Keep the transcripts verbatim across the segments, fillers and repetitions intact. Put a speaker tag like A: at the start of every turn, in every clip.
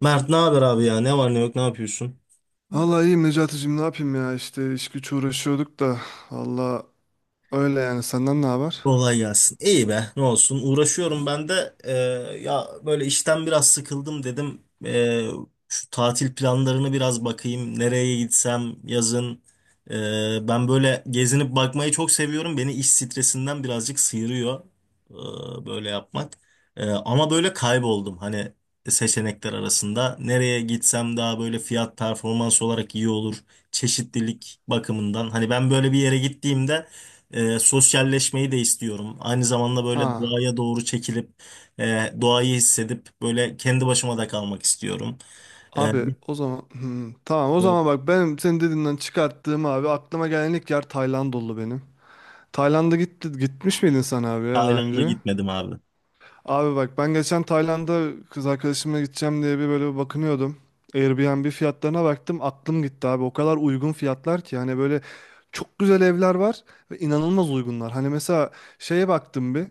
A: Mert ne haber abi ya? Ne var ne yok ne yapıyorsun?
B: Vallahi iyiyim Necati'cim, ne yapayım ya, işte iş güç uğraşıyorduk da valla, öyle yani. Senden ne haber?
A: Kolay gelsin. İyi be, ne olsun. Uğraşıyorum ben de. Ee, ya böyle işten biraz sıkıldım dedim. Ee, şu tatil planlarını biraz bakayım. Nereye gitsem yazın. Ee, ben böyle gezinip bakmayı çok seviyorum. Beni iş stresinden birazcık sıyırıyor ee, böyle yapmak. Ee, ama böyle kayboldum. Hani seçenekler arasında. Nereye gitsem daha böyle fiyat performans olarak iyi olur. Çeşitlilik bakımından. Hani ben böyle bir yere gittiğimde e, sosyalleşmeyi de istiyorum. Aynı zamanda böyle
B: Ha,
A: doğaya doğru çekilip e, doğayı hissedip böyle kendi başıma da kalmak istiyorum. E,
B: abi
A: bir-
B: o zaman hmm, tamam o
A: e,
B: zaman, bak benim senin dediğinden çıkarttığım, abi aklıma gelen ilk yer Tayland oldu benim. Tayland'a gitti, gitmiş miydin sen abi ya daha
A: Tayland'a
B: önce?
A: gitmedim abi.
B: Abi bak, ben geçen Tayland'a kız arkadaşımla gideceğim diye bir böyle bakınıyordum. Airbnb fiyatlarına baktım, aklım gitti abi, o kadar uygun fiyatlar ki, hani böyle çok güzel evler var ve inanılmaz uygunlar. Hani mesela şeye baktım bir.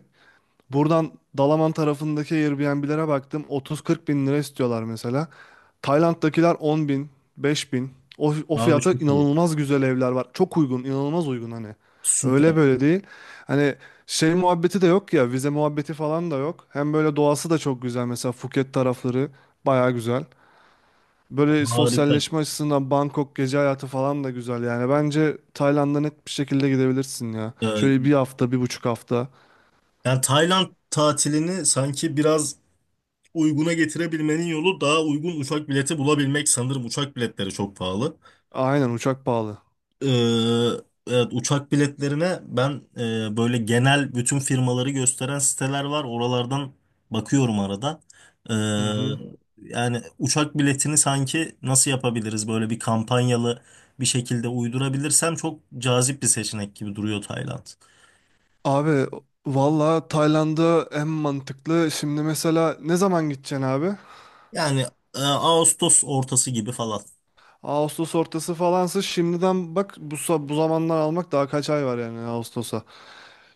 B: Buradan Dalaman tarafındaki Airbnb'lere baktım. otuz kırk bin lira istiyorlar mesela. Tayland'dakiler on bin, beş bin. O, o
A: Abi
B: fiyata
A: çok iyi.
B: inanılmaz güzel evler var. Çok uygun, inanılmaz uygun hani. Öyle
A: Süper.
B: böyle değil. Hani şey muhabbeti de yok ya, vize muhabbeti falan da yok. Hem böyle doğası da çok güzel. Mesela Phuket tarafları baya güzel. Böyle
A: Harika.
B: sosyalleşme açısından Bangkok gece hayatı falan da güzel yani. Bence Tayland'a net bir şekilde gidebilirsin ya.
A: E,
B: Şöyle bir hafta, bir buçuk hafta.
A: yani Tayland tatilini sanki biraz uyguna getirebilmenin yolu daha uygun uçak bileti bulabilmek. Sanırım uçak biletleri çok pahalı.
B: Aynen, uçak pahalı.
A: Ee, evet, uçak biletlerine ben e, böyle genel bütün firmaları gösteren siteler var. Oralardan bakıyorum arada. Ee,
B: Hı hı.
A: yani uçak biletini sanki nasıl yapabiliriz böyle bir kampanyalı bir şekilde uydurabilirsem çok cazip bir seçenek gibi duruyor Tayland.
B: Abi valla Tayland'a en mantıklı. Şimdi mesela ne zaman gideceksin abi?
A: Yani e, Ağustos ortası gibi falan.
B: Ağustos ortası falansa şimdiden bak, bu, sa- bu zamandan almak, daha kaç ay var yani Ağustos'a.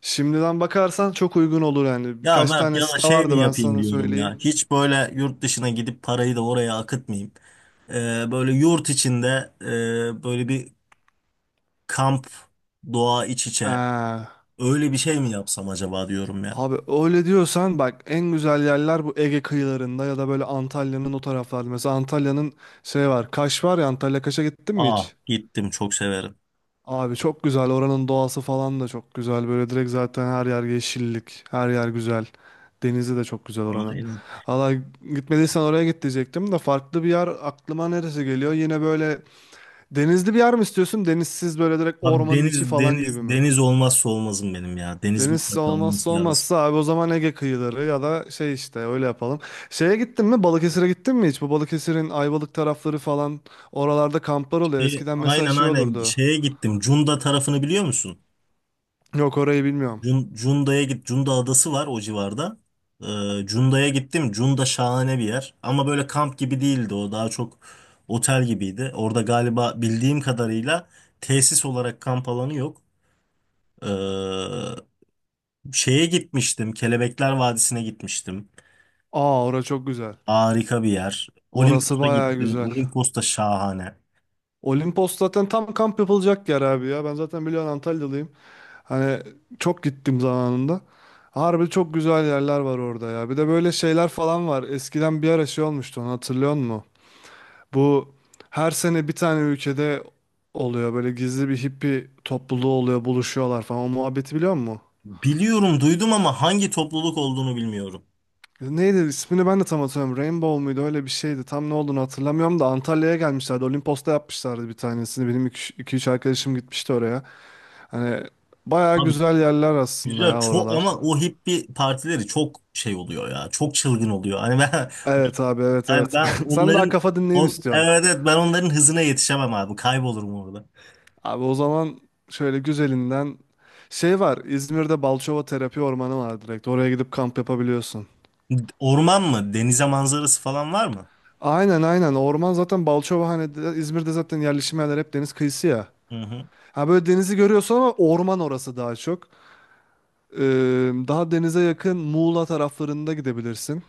B: Şimdiden bakarsan çok uygun olur yani.
A: Ya
B: Birkaç
A: Mert,
B: tane
A: ya da
B: site
A: şey mi
B: vardı, ben
A: yapayım
B: sana
A: diyorum
B: söyleyeyim.
A: ya. Hiç böyle yurt dışına gidip parayı da oraya akıtmayayım. Ee, böyle yurt içinde e, böyle bir kamp, doğa iç içe
B: Ee,
A: öyle bir şey mi yapsam acaba diyorum ya.
B: abi öyle diyorsan bak, en güzel yerler bu Ege kıyılarında ya da böyle Antalya'nın o taraflarda. Mesela Antalya'nın şey var, Kaş var ya, Antalya Kaş'a gittin mi
A: Ah
B: hiç?
A: gittim, çok severim.
B: Abi çok güzel, oranın doğası falan da çok güzel. Böyle direkt zaten her yer yeşillik, her yer güzel. Denizi de çok güzel oranın.
A: Aynen.
B: Valla gitmediysen oraya git diyecektim de, farklı bir yer aklıma neresi geliyor? Yine böyle denizli bir yer mi istiyorsun? Denizsiz böyle direkt
A: Abi
B: ormanın içi
A: deniz,
B: falan gibi
A: deniz,
B: mi?
A: deniz olmazsa olmazım benim ya. Deniz
B: Deniz
A: mutlaka
B: olmazsa
A: olması lazım.
B: olmazsa abi, o zaman Ege kıyıları ya da şey işte, öyle yapalım. Şeye gittin mi? Balıkesir'e gittin mi hiç? Bu Balıkesir'in Ayvalık tarafları falan, oralarda kamplar oluyor.
A: Şey,
B: Eskiden mesela
A: aynen
B: şey
A: aynen,
B: olurdu.
A: şeye gittim. Cunda tarafını biliyor musun?
B: Yok, orayı bilmiyorum.
A: Cun- Cunda'ya git. Cunda adası var o civarda. Ee, Cunda'ya gittim. Cunda şahane bir yer. Ama böyle kamp gibi değildi o. Daha çok otel gibiydi. Orada galiba bildiğim kadarıyla tesis olarak kamp alanı yok. Ee, Şeye gitmiştim. Kelebekler Vadisi'ne gitmiştim.
B: Aa, orası çok güzel.
A: Harika bir yer.
B: Orası
A: Olimpos'a
B: bayağı
A: gittim.
B: güzel.
A: Olimpos da şahane.
B: Olimpos zaten tam kamp yapılacak yer abi ya. Ben zaten biliyorsun Antalyalıyım. Hani çok gittim zamanında. Harbi çok güzel yerler var orada ya. Bir de böyle şeyler falan var. Eskiden bir ara şey olmuştu, onu hatırlıyor musun? Bu her sene bir tane ülkede oluyor. Böyle gizli bir hippi topluluğu oluyor. Buluşuyorlar falan. O muhabbeti biliyor musun?
A: Biliyorum, duydum ama hangi topluluk olduğunu bilmiyorum.
B: Neydi ismini ben de tam hatırlamıyorum. Rainbow muydu, öyle bir şeydi. Tam ne olduğunu hatırlamıyorum da Antalya'ya gelmişlerdi. Olimpos'ta yapmışlardı bir tanesini. Benim iki üç arkadaşım gitmişti oraya. Hani bayağı
A: Abi
B: güzel yerler aslında
A: güzel
B: ya
A: çok
B: oralar.
A: ama o hippie partileri çok şey oluyor ya. Çok çılgın oluyor. Hani ben
B: Evet abi, evet,
A: yani
B: evet.
A: ben
B: Sen daha
A: onların
B: kafa dinleyeyim
A: o,
B: istiyorsun.
A: evet, evet, ben onların hızına yetişemem abi. Kaybolurum orada.
B: Abi o zaman şöyle güzelinden şey var. İzmir'de Balçova Terapi Ormanı var direkt. Oraya gidip kamp yapabiliyorsun.
A: Orman mı? Denize manzarası falan var mı?
B: Aynen, aynen. Orman zaten Balçova hani de- İzmir'de zaten yerleşim yerleri hep deniz kıyısı ya.
A: Hı hı.
B: Ha böyle denizi görüyorsun ama orman, orası daha çok. Ee, daha denize yakın Muğla taraflarında gidebilirsin.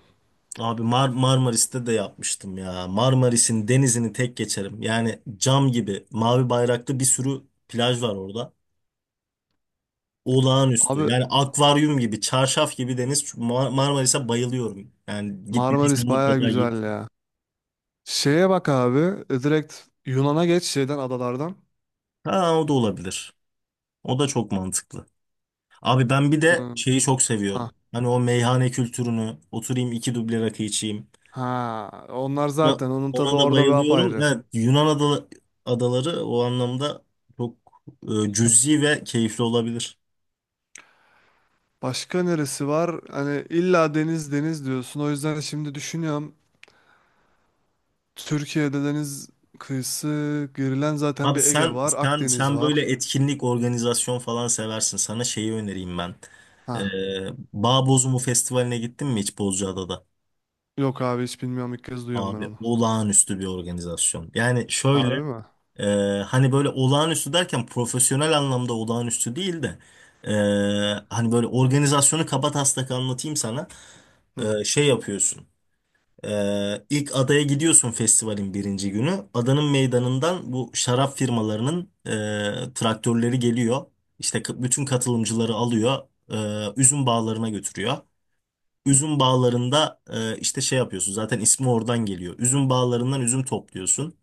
A: Abi Mar Marmaris'te de yapmıştım ya. Marmaris'in denizini tek geçerim. Yani cam gibi mavi bayraklı bir sürü plaj var orada. Olağanüstü.
B: Abi
A: Yani akvaryum gibi, çarşaf gibi deniz. Çünkü Mar- Marmaris'e bayılıyorum. Yani gitmediysen
B: Marmaris baya
A: mutlaka git.
B: güzel ya. Şeye bak abi, e, direkt Yunan'a geç şeyden, adalardan.
A: Ha, o da olabilir. O da çok mantıklı. Abi ben bir de
B: Hmm.
A: şeyi çok
B: Ha,
A: seviyorum. Hani o meyhane kültürünü, oturayım iki duble rakı içeyim.
B: ha, onlar
A: Ya,
B: zaten onun tadı
A: ona da
B: orada bir
A: bayılıyorum.
B: apayrı.
A: Evet, Yunan ada- adaları o anlamda çok e, cüzi ve keyifli olabilir.
B: Başka neresi var? Hani illa deniz deniz diyorsun. O yüzden şimdi düşünüyorum. Türkiye'de deniz kıyısı girilen zaten,
A: Abi
B: bir Ege
A: sen
B: var,
A: sen
B: Akdeniz
A: sen böyle
B: var.
A: etkinlik, organizasyon falan seversin. Sana şeyi önereyim ben. Ee,
B: Ha.
A: Bağ Festivali'ne gittin mi hiç Bozcaada'da?
B: Yok abi, hiç bilmiyorum, ilk kez duyuyorum ben
A: Abi
B: onu.
A: olağanüstü bir organizasyon. Yani şöyle
B: Harbi mi?
A: e, hani böyle olağanüstü derken profesyonel anlamda olağanüstü değil de e, hani böyle organizasyonu kabataslak anlatayım sana.
B: Hı.
A: E, şey yapıyorsun. Ee, ilk adaya gidiyorsun festivalin birinci günü. Adanın meydanından bu şarap firmalarının e, traktörleri geliyor. İşte k- bütün katılımcıları alıyor, e, üzüm bağlarına götürüyor. Üzüm bağlarında e, işte şey yapıyorsun. Zaten ismi oradan geliyor. Üzüm bağlarından üzüm topluyorsun.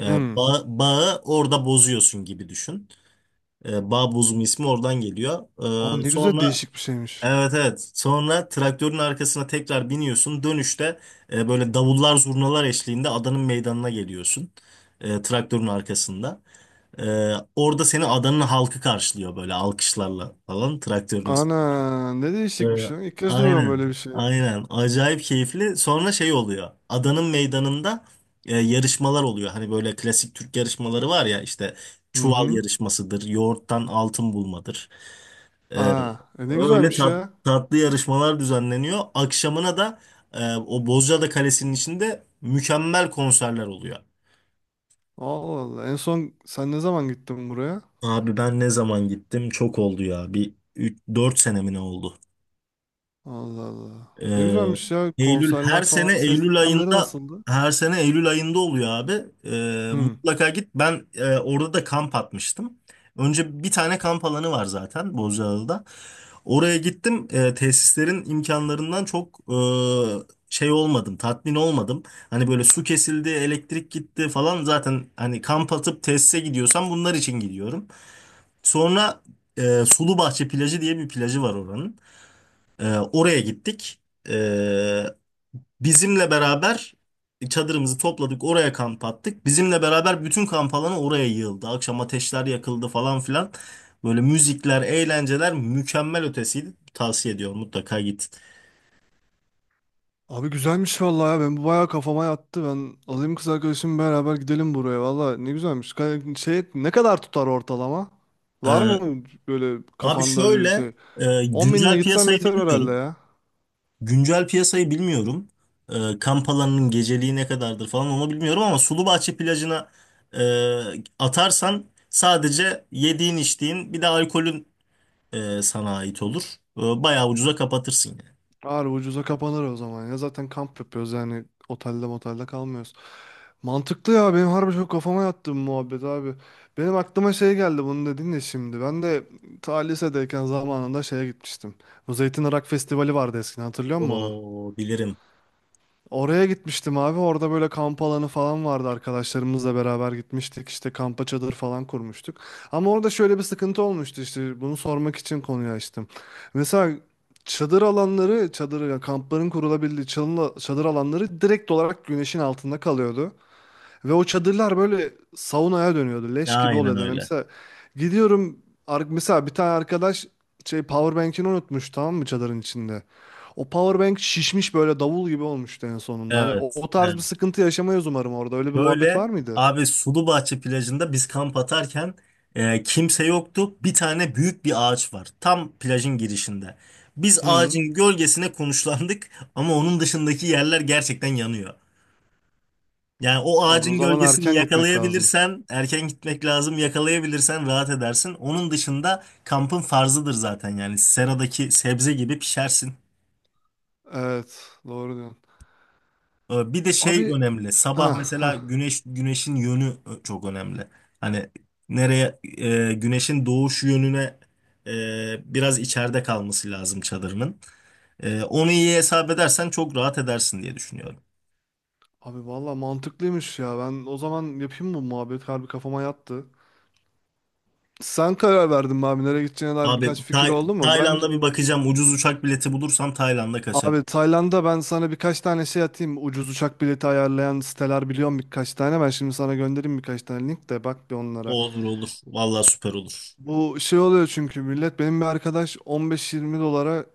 A: E,
B: Hmm.
A: bağ- bağı orada bozuyorsun gibi düşün. E, bağ bozumu ismi oradan geliyor.
B: Aa,
A: E,
B: ne güzel,
A: sonra
B: değişik bir şeymiş.
A: evet, evet. Sonra traktörün arkasına tekrar biniyorsun. Dönüşte e, böyle davullar, zurnalar eşliğinde adanın meydanına geliyorsun. E, traktörün arkasında. E, orada seni adanın halkı karşılıyor, böyle alkışlarla falan, traktörün üstü.
B: Ana ne
A: E,
B: değişikmiş ya. İlk kez duyuyorum
A: aynen.
B: böyle bir şey.
A: Aynen. Acayip keyifli. Sonra şey oluyor. Adanın meydanında e, yarışmalar oluyor. Hani böyle klasik Türk yarışmaları var ya, işte
B: Hı
A: çuval
B: hı.
A: yarışmasıdır, yoğurttan altın bulmadır. Ee,
B: Aa, e ne
A: öyle
B: güzelmiş
A: tat-
B: ya.
A: tatlı yarışmalar düzenleniyor. Akşamına da e, o Bozcaada Kalesi'nin içinde mükemmel konserler oluyor.
B: Allah Allah. En son sen ne zaman gittin buraya?
A: Abi ben ne zaman gittim? Çok oldu ya. Bir dört sene mi ne oldu?
B: Allah Allah. Ne
A: Ee,
B: güzelmiş ya.
A: Eylül
B: Konserler
A: her
B: falan.
A: sene
B: Ses
A: Eylül
B: sistemleri
A: ayında
B: nasıldı?
A: her sene Eylül ayında oluyor abi. Ee,
B: Hı.
A: mutlaka git. Ben e, orada da kamp atmıştım. Önce bir tane kamp alanı var zaten Bozcaada'da. Oraya gittim. Ee, tesislerin imkanlarından çok e, şey olmadım, tatmin olmadım. Hani böyle su kesildi, elektrik gitti falan. Zaten hani kamp atıp tesise gidiyorsam bunlar için gidiyorum. Sonra e, Sulubahçe plajı diye bir plajı var oranın. Ee, oraya gittik. E, Bizimle beraber çadırımızı topladık, oraya kamp attık. Bizimle beraber bütün kamp alanı oraya yığıldı. Akşam ateşler yakıldı falan filan. Böyle müzikler, eğlenceler mükemmel ötesiydi. Tavsiye ediyorum, mutlaka git.
B: Abi güzelmiş vallahi ya. Ben bu bayağı kafama yattı. Ben alayım kız arkadaşımı, beraber gidelim buraya. Vallahi ne güzelmiş. Ka- Şey ne kadar tutar ortalama? Var
A: Ee,
B: mı böyle
A: abi
B: kafanda bir
A: şöyle,
B: şey?
A: e,
B: on binle
A: güncel
B: gitsem
A: piyasayı
B: yeter herhalde
A: bilmiyorum.
B: ya.
A: Güncel piyasayı bilmiyorum. Ee, kamp alanının geceliği ne kadardır falan onu bilmiyorum ama Sulubahçe plajına e, atarsan sadece yediğin, içtiğin, bir de alkolün e, sana ait olur. E, bayağı ucuza kapatırsın yani.
B: Ağır ucuza kapanır o zaman ya. Zaten kamp yapıyoruz, yani otelde motelde kalmıyoruz. Mantıklı ya, benim harbi çok kafama yattı bu muhabbet abi. Benim aklıma şey geldi, bunu dedin ya şimdi. Ben de ta lisedeyken zamanında şeye gitmiştim. Bu Zeytin Irak Festivali vardı eskiden, hatırlıyor musun onu?
A: Oo, bilirim.
B: Oraya gitmiştim abi. Orada böyle kamp alanı falan vardı. Arkadaşlarımızla beraber gitmiştik. İşte kampa çadır falan kurmuştuk. Ama orada şöyle bir sıkıntı olmuştu işte. Bunu sormak için konuyu açtım. Mesela çadır alanları, çadır yani kampların kurulabildiği çalın- çadır alanları direkt olarak güneşin altında kalıyordu. Ve o çadırlar böyle saunaya dönüyordu. Leş gibi
A: Aynen
B: oluyordu. Yani
A: öyle.
B: mesela gidiyorum ar- mesela bir tane arkadaş şey powerbank'ini unutmuş tamam mı çadırın içinde. O powerbank şişmiş böyle davul gibi olmuştu en sonunda. Hani o,
A: Evet,
B: o tarz bir
A: evet.
B: sıkıntı yaşamayız umarım orada. Öyle bir muhabbet
A: Şöyle
B: var mıydı?
A: abi, Sulubahçe plajında biz kamp atarken e, kimse yoktu. Bir tane büyük bir ağaç var. Tam plajın girişinde. Biz
B: Hı.
A: ağacın gölgesine konuşlandık ama onun dışındaki yerler gerçekten yanıyor. Yani o
B: Abi o
A: ağacın
B: zaman
A: gölgesini
B: erken gitmek lazım.
A: yakalayabilirsen, erken gitmek lazım. Yakalayabilirsen rahat edersin. Onun dışında kampın farzıdır zaten, yani seradaki sebze gibi pişersin.
B: Evet, doğru diyorsun.
A: Ee, Bir de
B: Abi
A: şey önemli.
B: ha
A: Sabah
B: ha.
A: mesela güneş güneşin yönü e, çok önemli. Hani nereye e, güneşin doğuş yönüne e, biraz içeride kalması lazım çadırının. E, onu iyi hesap edersen çok rahat edersin diye düşünüyorum.
B: Abi valla mantıklıymış ya. Ben o zaman yapayım mı bu muhabbet? Harbi kafama yattı. Sen karar verdin mi abi, nereye gideceğine dair
A: Abi
B: birkaç fikir
A: Tay-
B: oldu mu? Ben
A: Tayland'a bir bakacağım. Ucuz uçak bileti bulursam Tayland'a kaçarım.
B: Abi Tayland'a ben sana birkaç tane şey atayım. Ucuz uçak bileti ayarlayan siteler biliyorum birkaç tane. Ben şimdi sana göndereyim birkaç tane link, de bak bir onlara.
A: Olur olur. Vallahi süper olur.
B: Bu şey oluyor çünkü millet, benim bir arkadaş on beş yirmi dolara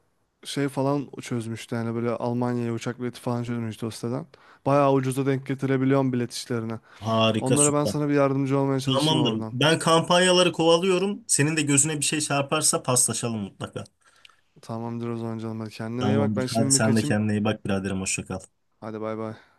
B: şey falan çözmüştü. Yani böyle Almanya'ya uçak bileti falan çözmüştü o siteden. Bayağı ucuza denk getirebiliyorum bilet işlerine.
A: Harika,
B: Onlara ben
A: süper.
B: sana bir yardımcı olmaya çalışayım
A: Tamamdır.
B: oradan.
A: Ben kampanyaları kovalıyorum. Senin de gözüne bir şey çarparsa paslaşalım mutlaka.
B: Tamamdır o zaman canım. Hadi kendine iyi bak.
A: Tamamdır.
B: Ben
A: Hadi
B: şimdi bir
A: sen de
B: kaçayım.
A: kendine iyi bak biraderim. Hoşça kal.
B: Hadi bay bay.